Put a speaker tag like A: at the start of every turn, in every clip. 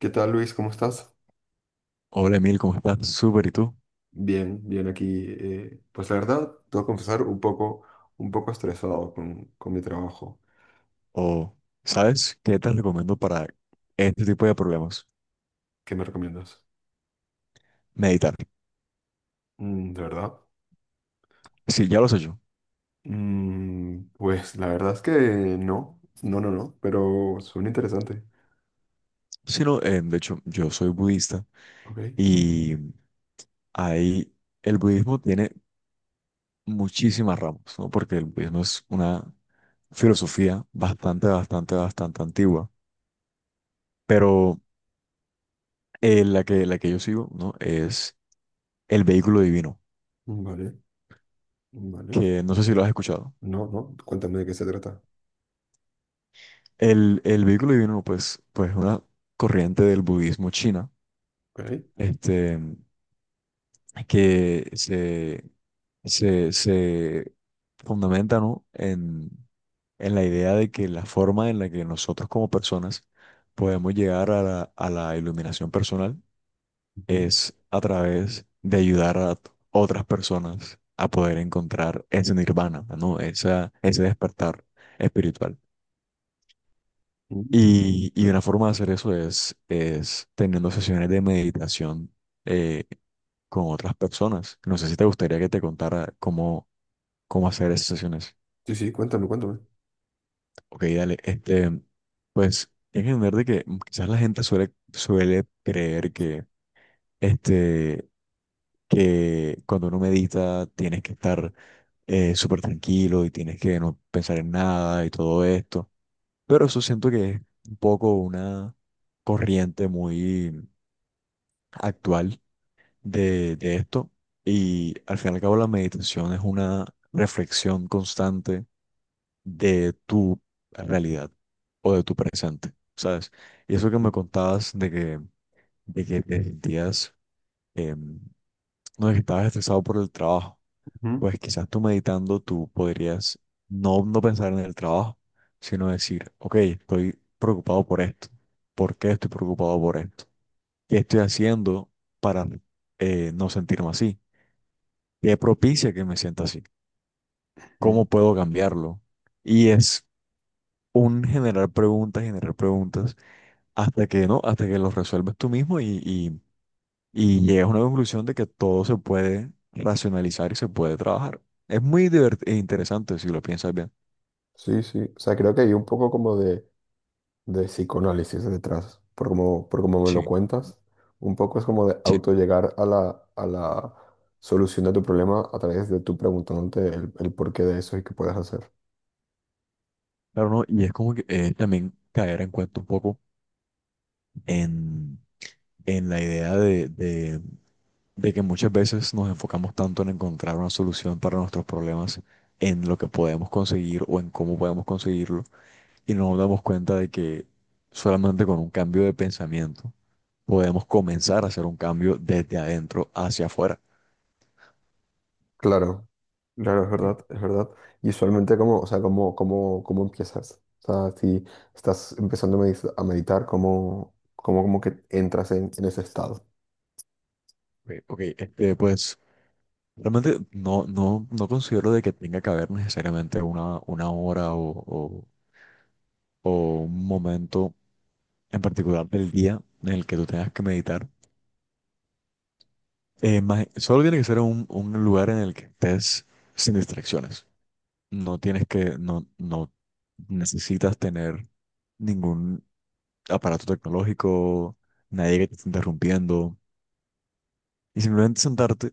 A: ¿Qué tal, Luis? ¿Cómo estás?
B: Hola Emil, ¿cómo estás? Súper, ¿y tú?
A: Bien, bien aquí. Pues la verdad, te voy a confesar un poco estresado con mi trabajo.
B: O, ¿sabes qué te recomiendo para este tipo de problemas?
A: ¿Qué me recomiendas?
B: Meditar.
A: Mm, ¿de verdad?
B: Sí, ya lo sé yo.
A: Mm, pues la verdad es que no, no, no, no, pero suena interesante.
B: Sí, no, de hecho, yo soy budista
A: Ok,
B: y ahí el budismo tiene muchísimas ramas, ¿no? Porque el budismo es una filosofía bastante, bastante, bastante antigua, pero la que yo sigo, ¿no? Es el vehículo divino,
A: vale, vale.
B: que no sé si lo has escuchado.
A: No, no, cuéntame de qué se trata.
B: El vehículo divino, pues es una corriente del budismo china
A: Ok.
B: este, que se fundamenta, ¿no? en la idea de que la forma en la que nosotros como personas podemos llegar a la iluminación personal
A: Ujú,
B: es a través de ayudar a otras personas a poder encontrar ese nirvana, ¿no? Ese despertar espiritual.
A: ujú,
B: Y
A: ¿vale?
B: una forma de hacer eso es teniendo sesiones de meditación eh, con otras personas. No sé si te gustaría que te contara cómo hacer esas sesiones.
A: Sí, sí, cuéntame, cuéntame.
B: Ok, dale. Este, pues hay que entender de que quizás la gente suele creer que, este, que cuando uno medita tienes que estar súper tranquilo y tienes que no pensar en nada y todo esto. Pero eso siento que es un poco una corriente muy actual de esto y al fin y al cabo la meditación es una reflexión constante de tu realidad o de tu presente, ¿sabes? Y eso que
A: Ujú,
B: me contabas de que te sentías, em, no, de que estabas estresado por el trabajo, pues quizás tú meditando tú podrías no, no pensar en el trabajo, sino decir, ok, estoy preocupado por esto, ¿por qué estoy preocupado por esto? ¿Qué estoy haciendo para no sentirme así? ¿Qué propicia que me sienta así?
A: ujú.
B: ¿Cómo puedo cambiarlo? Y es un generar preguntas, hasta que no, hasta que los resuelves tú mismo y llegas a una conclusión de que todo se puede racionalizar y se puede trabajar. Es muy e interesante si lo piensas bien.
A: Sí, sí. O sea, creo que hay un poco como de psicoanálisis detrás, por como me lo
B: Sí,
A: cuentas, un poco es como de
B: sí.
A: auto llegar a la solución de tu problema a través de tú preguntándote el porqué de eso y qué puedes hacer.
B: Claro, no, y es como que también caer en cuenta un poco en la idea de que muchas veces nos enfocamos tanto en encontrar una solución para nuestros problemas, en lo que podemos conseguir o en cómo podemos conseguirlo, y no nos damos cuenta de que solamente con un cambio de pensamiento podemos comenzar a hacer un cambio desde adentro hacia afuera.
A: Claro, claro, es
B: Sí.
A: verdad, es verdad. Y usualmente, ¿cómo empiezas? O sea, si estás empezando a meditar, ¿cómo que entras en ese estado?
B: Ok, ok, este, pues realmente no considero de que tenga que haber necesariamente una hora o un momento en particular del día en el que tú tengas que meditar. Solo tiene que ser un lugar en el que estés sin distracciones. No tienes que, no necesitas tener ningún aparato tecnológico, nadie que te esté interrumpiendo. Y simplemente sentarte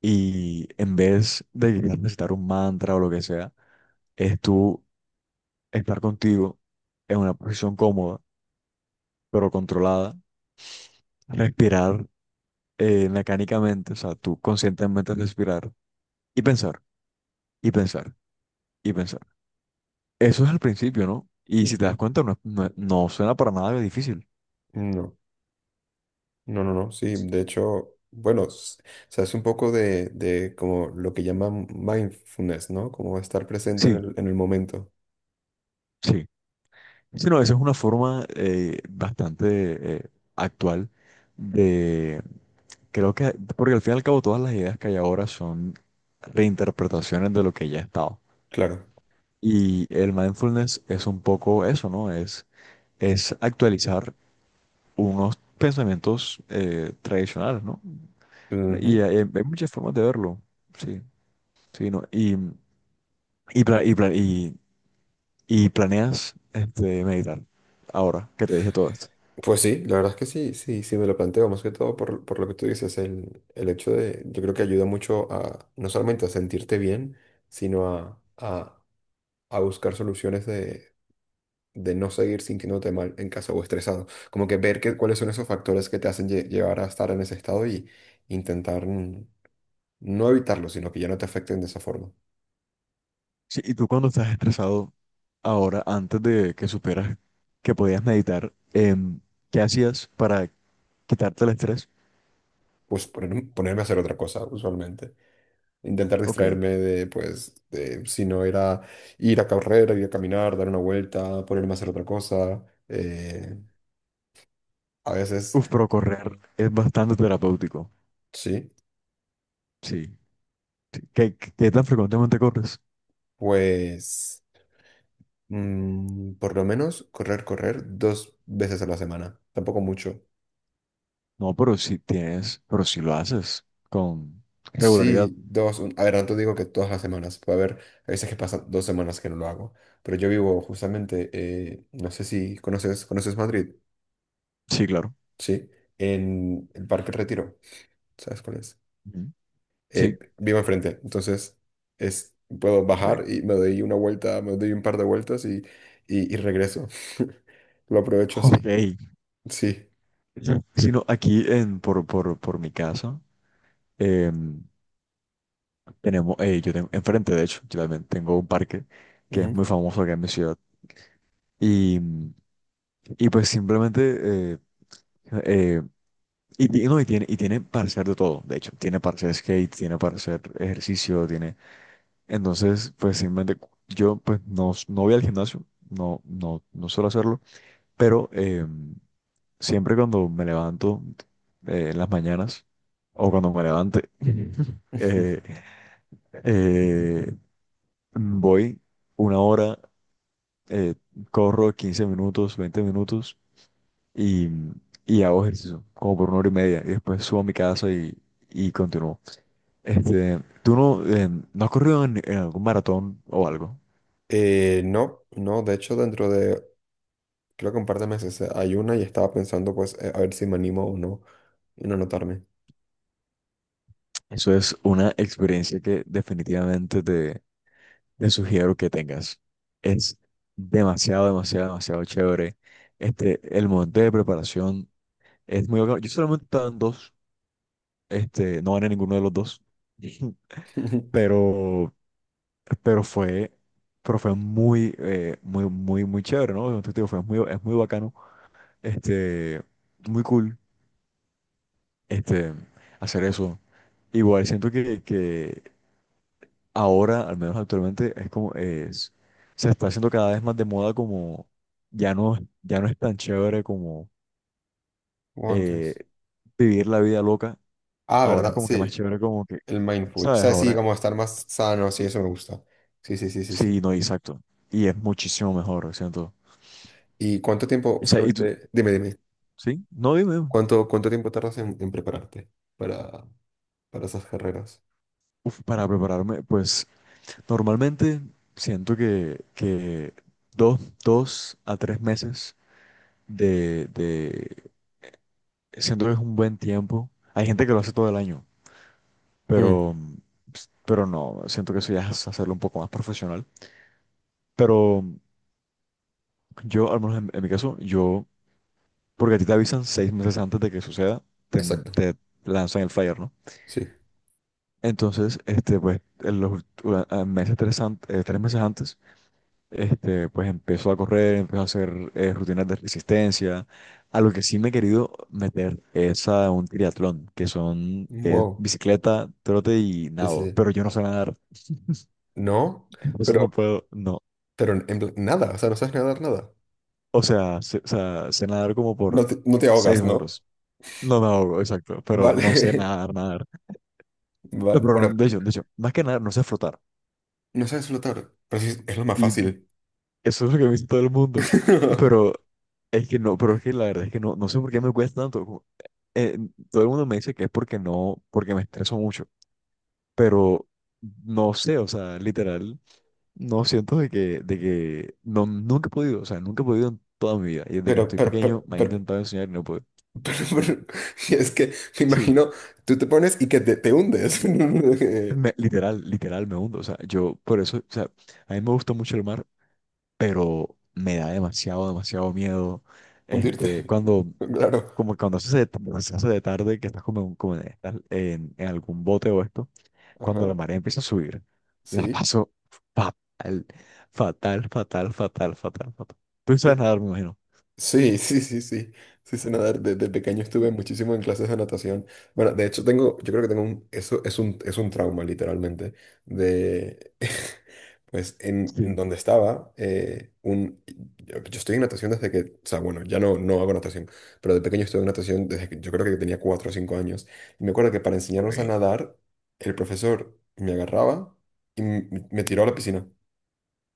B: y en vez de quizás necesitar un mantra o lo que sea, es tú estar contigo en una posición cómoda, pero controlada, respirar mecánicamente, o sea, tú conscientemente respirar y pensar, y pensar, y pensar. Eso es al principio, ¿no? Y si te das
A: Ujú.
B: cuenta, no, no suena para nada difícil.
A: No. No, no, no, sí, de hecho, bueno, o sea, es un poco de como lo que llaman mindfulness, ¿no? Como estar presente en
B: Sí,
A: el momento,
B: sí. Sino, esa es una forma bastante actual de, creo que, porque al fin y al cabo todas las ideas que hay ahora son reinterpretaciones de lo que ya ha estado.
A: claro.
B: Y el mindfulness es un poco eso, ¿no? Es actualizar unos pensamientos tradicionales, ¿no? Y
A: Ujú.
B: hay muchas formas de verlo, sí, sí, ¿no? Y, pla- y, pla- y y planeas este, meditar ahora que te dije todo esto.
A: Pues sí, la verdad es que sí, sí, sí me lo planteo, más que todo por lo que tú dices, el hecho de, yo creo que ayuda mucho a, no solamente a sentirte bien, sino a buscar soluciones de no seguir sintiéndote mal en casa o estresado, como que ver que, cuáles son esos factores que te hacen llevar a estar en ese estado y intentar... no evitarlo, sino que ya no te afecten de esa forma.
B: Sí, y tú cuando estás estresado ahora, antes de que supieras que podías meditar, ¿qué hacías para quitarte el estrés?
A: Pues ponerme a hacer otra cosa, usualmente. Intentar
B: Ok.
A: distraerme de, pues, de, si no era ir a correr, ir a caminar, dar una vuelta, ponerme a hacer otra cosa. A veces,
B: Uf, pero correr es bastante terapéutico.
A: sí,
B: Sí. Sí. ¿Qué tan frecuentemente corres?
A: pues, mm, por lo menos correr, correr dos veces a la semana. Tampoco mucho.
B: No, pero si lo haces con regularidad.
A: Sí, dos. A ver, no te digo que todas las semanas. Puede haber, a veces que pasan dos semanas que no lo hago. Pero yo vivo justamente, no sé si conoces, ¿conoces Madrid?
B: Sí, claro.
A: Sí, en el Parque El Retiro, ¿sabes cuál es?
B: Ujú. Sí.
A: Vivo enfrente, entonces es, puedo bajar
B: Ok.
A: y me doy una vuelta, me doy un par de vueltas y, y regreso. Lo aprovecho así,
B: Ok.
A: sí.
B: Sino aquí por mi casa, em, yo tengo enfrente, de hecho, yo también tengo un parque que
A: Ujú.
B: es muy famoso acá en mi ciudad. Y, y pues simplemente, eh, no, y tiene para hacer de todo, de hecho, tiene para hacer skate, tiene para hacer ejercicio, tiene. Entonces, pues simplemente yo pues no, no voy al gimnasio, no suelo hacerlo, pero siempre cuando me levanto en las mañanas o cuando me levante,
A: Ujú.
B: eh, eh, voy una hora eh, corro 15 minutos, 20 minutos y, y hago ejercicio, como por una hora y media, y después subo a mi casa y continúo. Este, ¿tú no, no has corrido en algún maratón o algo?
A: No, no, de hecho dentro de, creo que un par de meses hay una y estaba pensando pues a ver si me animo o no y no anotarme.
B: Eso es una experiencia que definitivamente te sugiero que tengas. Es demasiado, demasiado, demasiado chévere. Este, el momento de preparación es muy bacano. Yo solamente he estado en dos, este, no gané ninguno de los dos, pero pero fue, pero fue muy, muy, muy, muy chévere, ¿no? Entonces, te digo, fue muy, es muy bacano, este, muy cool, este, hacer eso. Igual siento que ahora, al menos actualmente, es como, es, se está haciendo cada vez más de moda como, ya no, ya no es tan chévere como eh,
A: Guantes.
B: vivir la vida loca,
A: Ah,
B: ahora es
A: ¿verdad?
B: como que más
A: Sí,
B: chévere como que,
A: el mindful. O
B: ¿sabes?
A: sea, sí,
B: Ahora,
A: como estar más sano, sí, eso me gusta. Sí, sí, sí, sí, sí.
B: sí, no, exacto, y es muchísimo mejor, siento.
A: ¿Y cuánto tiempo
B: O sea, y tú,
A: usualmente, dime, dime,
B: ¿sí? No, dime. Dime.
A: cuánto, cuánto tiempo tardas en prepararte para, para esas carreras?
B: Uf, para prepararme, pues normalmente siento que dos a tres meses de. Siento que es un buen tiempo. Hay gente que lo hace todo el año,
A: Mm,
B: pero, pero no, siento que eso ya es hacerlo un poco más profesional. Pero yo, al menos en mi caso, yo, porque a ti te avisan 6 meses antes de que suceda, te,
A: exacto,
B: te lanzan el flyer, ¿no?
A: sí.
B: Entonces, este, pues, en los ult- a meses, tres, an- 3 meses antes. Este, pues empezó a correr, empezó a hacer rutinas de resistencia. A lo que sí me he querido meter es a un triatlón, que es
A: Wow,
B: bicicleta, trote y
A: sí, sí,
B: nado,
A: sí.
B: pero yo no sé nadar,
A: No,
B: entonces no
A: pero,
B: puedo, no.
A: pero en nada, o sea, no sabes nadar nada.
B: O sea, sé nadar como
A: No
B: por
A: te, no te
B: 6
A: ahogas, ¿no?
B: metros. No me ahogo, exacto, pero no sé
A: Vale,
B: nadar, nadar. No, pero
A: bueno,
B: no, de hecho, más que nadar, no sé flotar.
A: no sabes flotar, pero sí, es lo más
B: Y
A: fácil.
B: eso es lo que me dice todo el mundo. Pero es que no, pero es que la verdad es que no sé por qué me cuesta tanto. eh, todo el mundo me dice que es porque no, porque me estreso mucho, pero no sé, o sea, literal, no siento de que, no, nunca he podido, o sea, nunca he podido en toda mi vida, y desde que
A: Pero,
B: estoy
A: pero, pero,
B: pequeño me han
A: pero,
B: intentado enseñar y no puedo.
A: pero, pero- es que me
B: Sí,
A: imagino, tú te pones y que te hundes.
B: literal, me hundo, o sea, yo por eso, o sea, a mí me gusta mucho el mar, pero me da demasiado, demasiado miedo, este,
A: Hundirte,
B: cuando.
A: claro.
B: Como cuando se hace de tarde, que estás como, como en, estás en algún bote o esto, cuando la
A: Ajá.
B: marea empieza a subir, la
A: Sí,
B: paso fatal, fatal, fatal, fatal, fatal, fatal. Tú no sabes
A: cre-
B: nadar, me imagino.
A: sí, sí, sí, sí. Sí, sé nadar. Desde pequeño estuve muchísimo en clases de natación. Bueno, de hecho tengo, yo creo que tengo un, eso es un trauma literalmente. De, pues en
B: Sí.
A: donde estaba, un, yo estoy en natación desde que, o sea, bueno, ya no, no hago natación, pero de pequeño estuve en natación desde que yo creo que tenía cuatro o cinco años. Y me acuerdo que para
B: Ok.
A: enseñarnos a nadar, el profesor me agarraba y me tiró a la piscina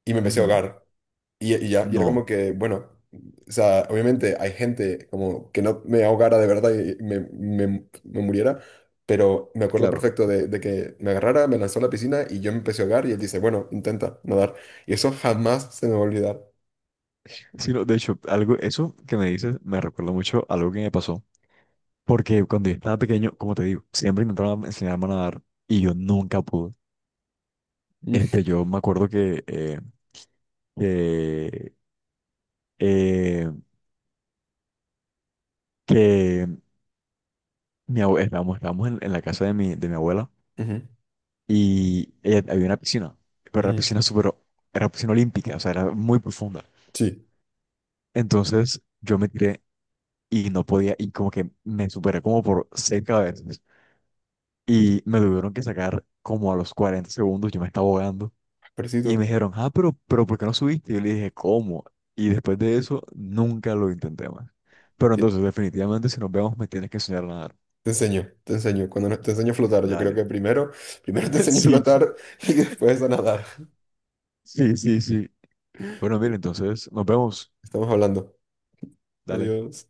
A: y me empecé a
B: Ujú.
A: ahogar. Y ya, y era como
B: No,
A: que, bueno, o sea, obviamente hay gente como que no me ahogara de verdad y me, me muriera, pero me acuerdo
B: claro.
A: perfecto de que me agarrara, me lanzó a la piscina y yo me empecé a ahogar y él dice, bueno, intenta nadar. Y eso jamás se me va a olvidar.
B: Sino, de hecho, algo, eso que me dices me recuerda mucho a algo que me pasó. Porque cuando yo estaba pequeño, como te digo, siempre intentaban enseñarme a nadar y yo nunca pude.
A: Mm,
B: Este, yo me acuerdo que, eh, que estábamos en la casa de mi abuela
A: ujú,
B: y había una piscina, pero era
A: ujú.
B: piscina súper, era piscina olímpica, o sea, era muy profunda.
A: Sí,
B: Entonces yo me tiré y no podía, y como que me superé como por 6 cabezas. Y me tuvieron que sacar como a los 40 segundos, yo me estaba ahogando. Y me
A: parecido.
B: dijeron, ah, pero ¿por qué no subiste? Y yo le dije, ¿cómo? Y después de eso, nunca lo intenté más. Pero
A: Te,
B: entonces, definitivamente, si nos vemos, me tienes que enseñar a nadar.
A: te enseño, te enseño. Cuando te enseño a flotar, yo creo
B: Dale.
A: que primero, primero te enseño a
B: Sí,
A: flotar y después a nadar.
B: sí, sí, sí. Bueno, mira, entonces, nos vemos.
A: Estamos hablando.
B: Dale.
A: Adiós.